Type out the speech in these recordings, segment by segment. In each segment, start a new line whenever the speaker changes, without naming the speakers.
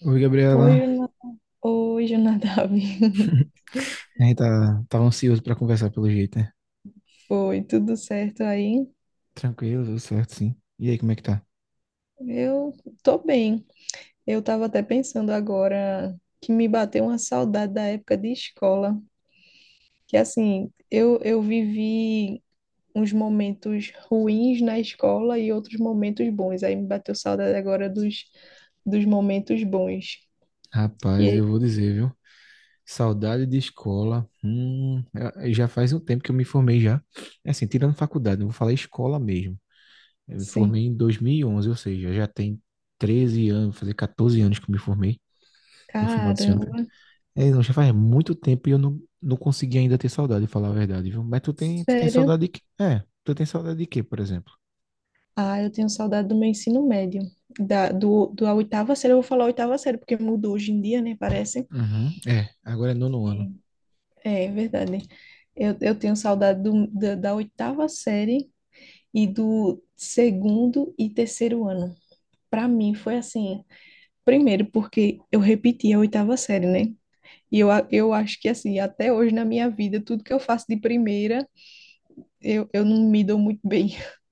Oi,
Oi,
Gabriela.
Juna- Oi, Jonadab.
A gente tava ansioso pra conversar pelo jeito, né?
Foi tudo certo aí?
Tranquilo, tudo certo, sim. E aí, como é que tá?
Eu tô bem. Eu tava até pensando agora que me bateu uma saudade da época de escola, que assim, eu vivi uns momentos ruins na escola e outros momentos bons. Aí me bateu saudade agora dos momentos bons.
Rapaz,
E
eu vou dizer, viu? Saudade de escola. Já faz um tempo que eu me formei já. É, assim, tirando faculdade, eu vou falar escola mesmo. Eu me
sim,
formei em 2011, ou seja, já tem 13 anos, vou fazer 14 anos que eu me formei no final desse ano.
caramba,
É, não, já faz muito tempo e eu não consegui ainda ter saudade, falar a verdade, viu? Mas tu tem
sério.
saudade de quê? É, tu tem saudade de quê, por exemplo?
Ah, eu tenho saudade do meu ensino médio. Da, do, do a oitava série, eu vou falar oitava série, porque mudou hoje em dia, né? Parece.
Uhum. É, agora é nono
É.
ano.
É, é verdade. Eu tenho saudade da oitava série e do segundo e terceiro ano. Para mim foi assim, primeiro porque eu repeti a oitava série, né? E eu acho que assim, até hoje na minha vida, tudo que eu faço de primeira, eu não me dou muito bem.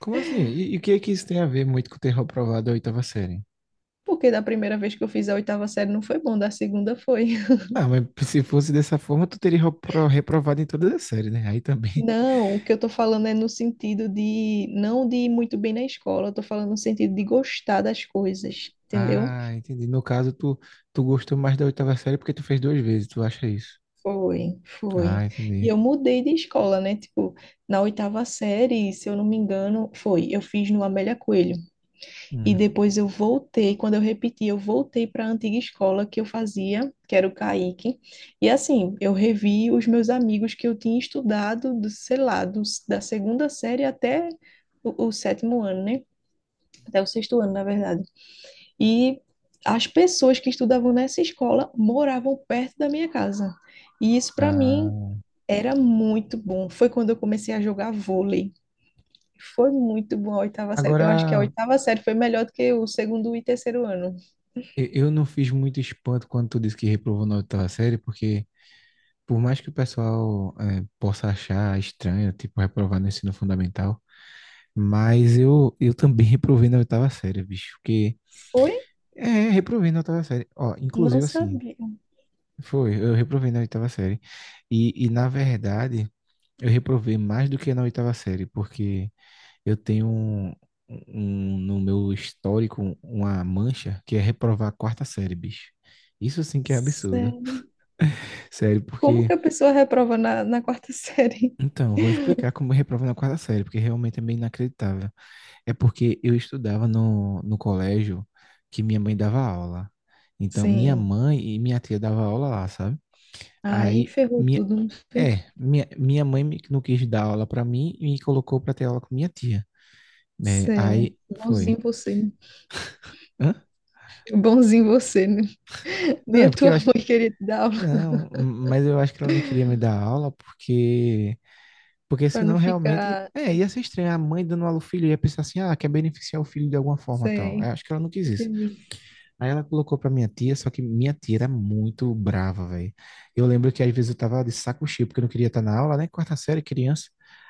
Como assim? E o que é que isso tem a ver muito com ter reprovado a oitava série?
Porque da primeira vez que eu fiz a oitava série não foi bom, da segunda foi.
Ah, mas se fosse dessa forma, tu teria reprovado em todas as séries, né? Aí também.
Não, o que eu tô falando é no sentido de não de ir muito bem na escola, eu tô falando no sentido de gostar das coisas, entendeu?
Ah, entendi. No caso, tu gostou mais da oitava série porque tu fez duas vezes, tu acha isso?
Foi, foi.
Ah,
E eu
entendi.
mudei de escola, né? Tipo, na oitava série, se eu não me engano, foi. Eu fiz no Amélia Coelho. E
Uhum.
depois eu voltei, quando eu repeti, eu voltei para a antiga escola que eu fazia, que era o Caíque. E assim, eu revi os meus amigos que eu tinha estudado, do, sei lá, da segunda série até o sétimo ano, né? Até o sexto ano, na verdade. E as pessoas que estudavam nessa escola moravam perto da minha casa. E isso para mim
Ah,
era muito bom. Foi quando eu comecei a jogar vôlei. Foi muito bom a oitava série. Eu acho que a
agora,
oitava série foi melhor do que o segundo e terceiro ano.
eu não fiz muito espanto quando tu disse que reprovou na oitava série, porque por mais que o pessoal possa achar estranho, tipo, reprovar no ensino fundamental, mas eu também reprovei na oitava série, bicho. Porque.
Foi?
É, reprovei na oitava série. Ó,
Não
inclusive assim.
sabia.
Foi, eu reprovei na oitava série. E na verdade, eu reprovei mais do que na oitava série, porque eu tenho um no meu histórico uma mancha que é reprovar a quarta série, bicho. Isso sim que é absurdo.
Sério.
Sério,
Como
porque.
que a pessoa reprova na, na quarta série?
Então, eu vou explicar como eu reprovo na quarta série, porque realmente é meio inacreditável. É porque eu estudava no colégio que minha mãe dava aula. Então, minha
Sim.
mãe e minha tia dava aula lá, sabe?
Aí
Aí,
ferrou
minha,
tudo, não foi?
minha mãe não quis dar aula pra mim e me colocou pra ter aula com minha tia. É,
Sério.
aí, foi.
Bonzinho você, né?
Hã?
Bonzinho você, né?
Não,
Nem
é
a
porque
tua
eu acho que,
mãe queria te dar aula
não, mas eu acho que ela não queria me dar aula porque
para não
senão realmente,
ficar
ia ser estranho. A mãe dando aula ao filho ia pensar assim, ah, quer beneficiar o filho de alguma forma, tal. Eu
sem.
acho que ela não quis isso.
Entendi.
Aí ela colocou pra minha tia, só que minha tia era muito brava, velho. Eu lembro que às vezes eu tava de saco cheio, porque eu não queria estar na aula, né? Quarta série, criança.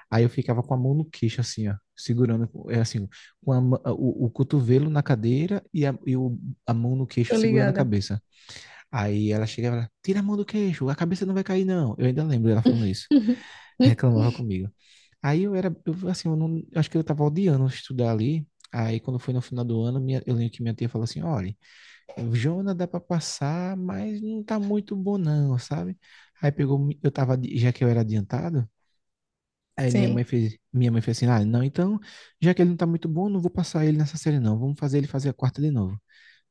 Aí eu ficava com a mão no queixo, assim, ó, segurando, é assim, com o cotovelo na cadeira e a mão no queixo
Tô
segurando a
ligada.
cabeça. Aí ela chegava lá, tira a mão do queixo, a cabeça não vai cair, não. Eu ainda lembro ela falando isso.
Uhum. Hum?
Reclamava comigo. Aí eu era, eu, assim, eu não, eu acho que eu tava odiando estudar ali. Aí quando foi no final do ano, eu lembro que minha tia falou assim, olha, o Jona dá pra passar, mas não tá muito bom não, sabe? Aí pegou, eu tava, já que eu era adiantado, aí minha mãe
Sim.
fez, minha mãe fez assim, ah, não, então, já que ele não tá muito bom, não vou passar ele nessa série não, vamos fazer ele fazer a quarta de novo.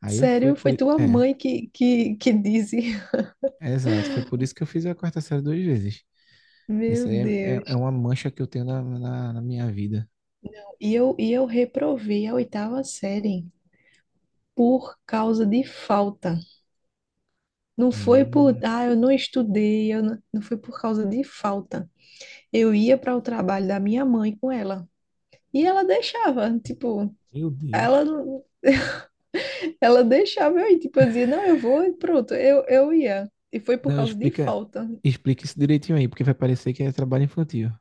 Aí eu fui
Sério,
por,
foi tua
é,
mãe que, que disse.
é exato, foi por isso que eu fiz a quarta série duas vezes. Isso
Meu
aí é
Deus.
uma mancha que eu tenho na minha vida.
E eu reprovei a oitava série por causa de falta. Não foi por,
Hum,
ah, eu não estudei, eu não, não foi por causa de falta. Eu ia para o trabalho da minha mãe com ela. E ela deixava, tipo,
meu
ela
Deus.
não. Ela deixava eu ir, tipo, eu dizia, não, eu vou e pronto, eu ia. E foi por
Não,
causa de
explica,
falta.
explica isso direitinho aí, porque vai parecer que é trabalho infantil.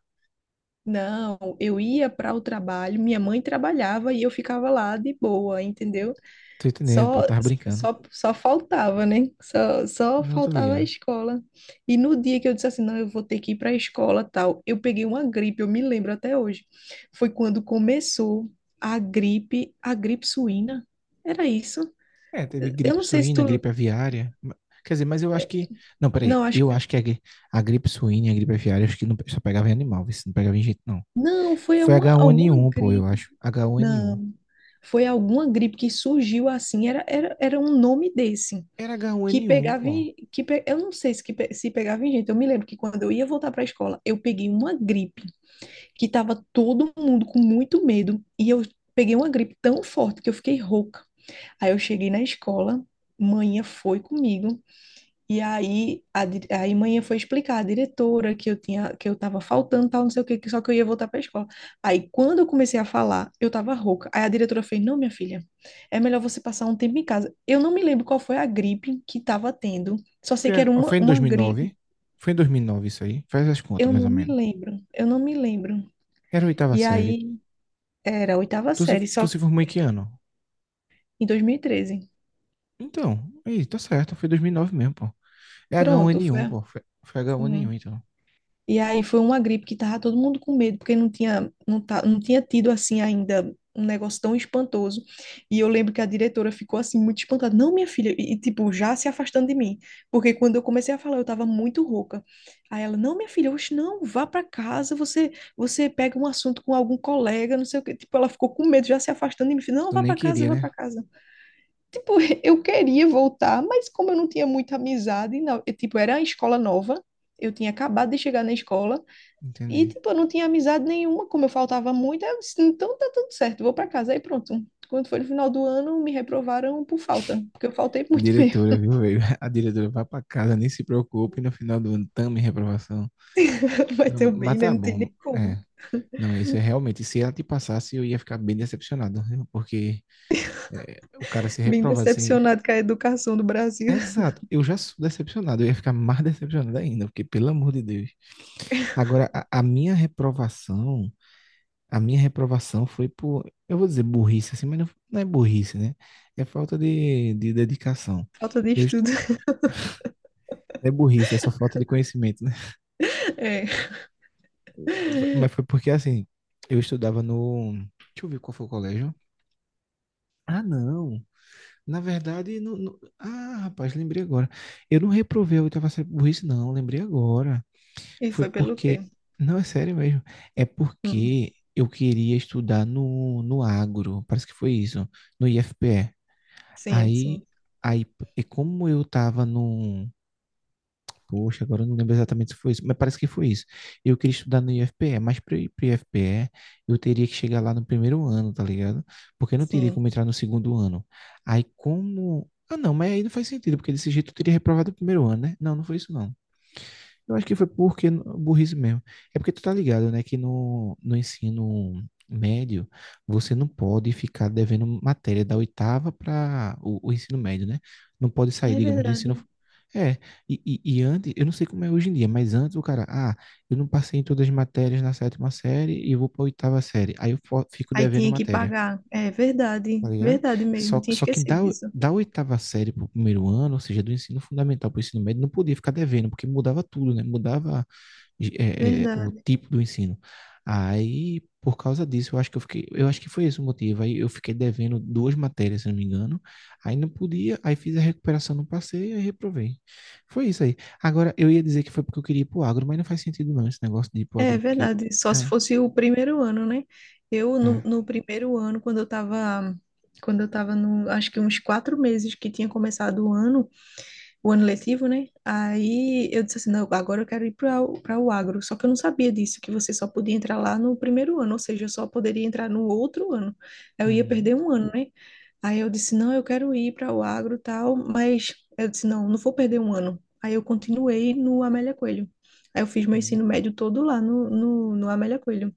Não, eu ia para o trabalho, minha mãe trabalhava e eu ficava lá de boa, entendeu?
Tô entendendo, pô,
Só,
tava brincando.
só faltava, né? Só
Não, tô
faltava a
ligado.
escola. E no dia que eu disse assim, não, eu vou ter que ir para a escola, tal, eu peguei uma gripe, eu me lembro até hoje. Foi quando começou a gripe suína. Era isso?
É, teve
Eu
gripe
não sei se
suína,
tu.
gripe aviária. Quer dizer, mas eu acho
eh,
que. Não,
Não,
peraí.
acho
Eu acho que a gripe suína e a gripe aviária, acho que não, só pegava em animal, vê se não pegava em gente, não.
não, foi
Foi
alguma
H1N1, pô, eu
gripe.
acho. H1N1.
Não, foi alguma gripe que surgiu assim. Era um nome desse.
Era
Que
H1N1,
pegava
pô.
em. Eu não sei se, se pegava em gente. Eu me lembro que quando eu ia voltar para a escola, eu peguei uma gripe que tava todo mundo com muito medo. E eu peguei uma gripe tão forte que eu fiquei rouca. Aí eu cheguei na escola, manhã foi comigo. E aí aí manhã foi explicar à diretora que eu tinha que eu tava faltando, tal, não sei o quê, que só que eu ia voltar para a escola. Aí quando eu comecei a falar, eu tava rouca. Aí a diretora fez: "Não, minha filha, é melhor você passar um tempo em casa". Eu não me lembro qual foi a gripe que tava tendo. Só
Foi,
sei que era
a- foi
uma,
em
uma
2009.
gripe.
Foi em 2009 isso aí. Faz as contas,
Eu
mais
não
ou
me
menos.
lembro. Eu não me lembro.
Era a oitava
E
série.
aí era a oitava
Tu se,
série,
tu
só
se formou em que ano?
em 2013.
Então, aí, tá certo. Foi 2009 mesmo, pô. É
Pronto, foi
H1N1, pô. Foi
assim.
H1N1, então.
E aí foi uma gripe que tava todo mundo com medo, porque não tinha, não, tá, não tinha tido assim ainda um negócio tão espantoso. E eu lembro que a diretora ficou assim muito espantada. Não, minha filha, e tipo, já se afastando de mim, porque quando eu comecei a falar, eu tava muito rouca. Aí ela, não, minha filha, hoje não, vá para casa, você pega um assunto com algum colega, não sei o quê. Tipo, ela ficou com medo, já se afastando de mim, não,
Tu
vá
nem
para casa,
queria,
vá para
né?
casa. Tipo, eu queria voltar, mas como eu não tinha muita amizade, não, eu, tipo, era a escola nova, eu tinha acabado de chegar na escola. E,
Entendi.
tipo, eu não tinha amizade nenhuma, como eu faltava muito, aí eu disse, então tá tudo certo, vou pra casa, aí pronto. Quando foi no final do ano, me reprovaram por falta, porque eu faltei muito mesmo.
Diretora, viu, velho? A diretora vai pra casa, nem se preocupe, no final do ano também reprovação.
Vai
Não,
ter o bem,
mas
né?
tá
Não tem
bom,
nem como.
é. Não, isso é realmente, se ela te passasse, eu ia ficar bem decepcionado, né? Porque é, o cara ser
Bem
reprovado assim...
decepcionado com a educação do Brasil.
Exato, eu já sou decepcionado, eu ia ficar mais decepcionado ainda, porque pelo amor de Deus. Agora, a minha reprovação foi por, eu vou dizer burrice assim, mas não é burrice, né? É falta de dedicação.
Falta de
Eu, est-
estudo.
é burrice, é só falta de conhecimento, né?
É.
Mas foi porque assim, eu estudava no. Deixa eu ver qual foi o colégio. Ah, não. Na verdade, ah, rapaz, lembrei agora. Eu não reprovei a oitava série por isso, não. Lembrei agora.
E
Foi
foi pelo quê?
porque. Não, é sério mesmo. É
Hum,
porque eu queria estudar no agro. Parece que foi isso. No IFPE.
Sim, sim,
Aí, aí, e como eu tava no, poxa, agora eu não lembro exatamente se foi isso, mas parece que foi isso. Eu queria estudar no IFPE, mas para ir para o IFPE, eu teria que chegar lá no primeiro ano, tá ligado? Porque eu não teria
sim.
como entrar no segundo ano. Aí como. Ah, não, mas aí não faz sentido, porque desse jeito eu teria reprovado o primeiro ano, né? Não, não foi isso, não. Eu acho que foi porque burrice mesmo. É porque tu tá ligado, né, que no ensino médio você não pode ficar devendo matéria da oitava para o ensino médio, né? Não pode sair,
É
digamos, do ensino.
verdade.
É, e antes, eu não sei como é hoje em dia, mas antes o cara, ah, eu não passei em todas as matérias na sétima série e eu vou pra oitava série. Aí eu fico
Aí
devendo
tinha que
matéria.
pagar. É verdade,
Tá ligado?
verdade mesmo.
Só,
Tinha
só que
esquecido disso.
da oitava série pro primeiro ano, ou seja, do ensino fundamental para o ensino médio, não podia ficar devendo, porque mudava tudo, né? Mudava o
Verdade.
tipo do ensino. Aí, por causa disso, eu acho que eu fiquei, eu acho que foi esse o motivo. Aí eu fiquei devendo duas matérias, se não me engano. Aí não podia, aí fiz a recuperação, não passei, aí reprovei. Foi isso aí. Agora, eu ia dizer que foi porque eu queria ir pro agro, mas não faz sentido não, esse negócio de ir pro
É
agro que eu...
verdade, só se
É,
fosse o primeiro ano, né? Eu, no,
é.
no primeiro ano, quando eu tava no, acho que uns 4 meses que tinha começado o ano letivo, né? Aí eu disse assim, não, agora eu quero ir para o agro. Só que eu não sabia disso, que você só podia entrar lá no primeiro ano, ou seja, eu só poderia entrar no outro ano. Aí eu ia
Uhum.
perder um ano, né? Aí eu disse, não, eu quero ir para o agro e tal, mas eu disse, não, não vou perder um ano. Aí eu continuei no Amélia Coelho. Aí eu fiz meu ensino médio todo lá no, no Amélia Coelho.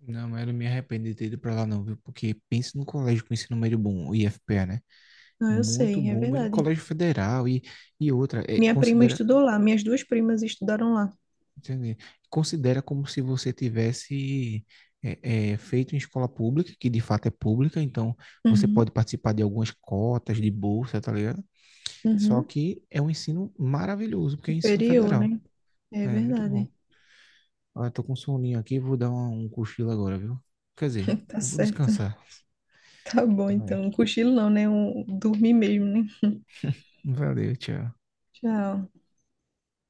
Não, mas eu não me arrependo de ter ido pra lá não, viu? Porque pense no colégio com ensino médio bom, o IFPA, né?
Não, eu
Muito
sei, é
bom, muito
verdade.
colégio federal e outra, é,
Minha prima
considera.
estudou lá, minhas duas primas estudaram lá.
Entendi. Considera como se você tivesse feito em escola pública, que de fato é pública, então você pode
Uhum,
participar de algumas cotas de bolsa, tá ligado? Só
uhum.
que é um ensino maravilhoso, porque é ensino
Superior,
federal.
né? É
É muito bom.
verdade.
Ah, eu tô com um soninho aqui, vou dar um cochilo agora, viu? Quer dizer,
Tá
vou
certo.
descansar.
Tá bom, então.
Vai.
Um cochilo não, né? Um, dormir mesmo, né?
Valeu, tchau.
Tchau.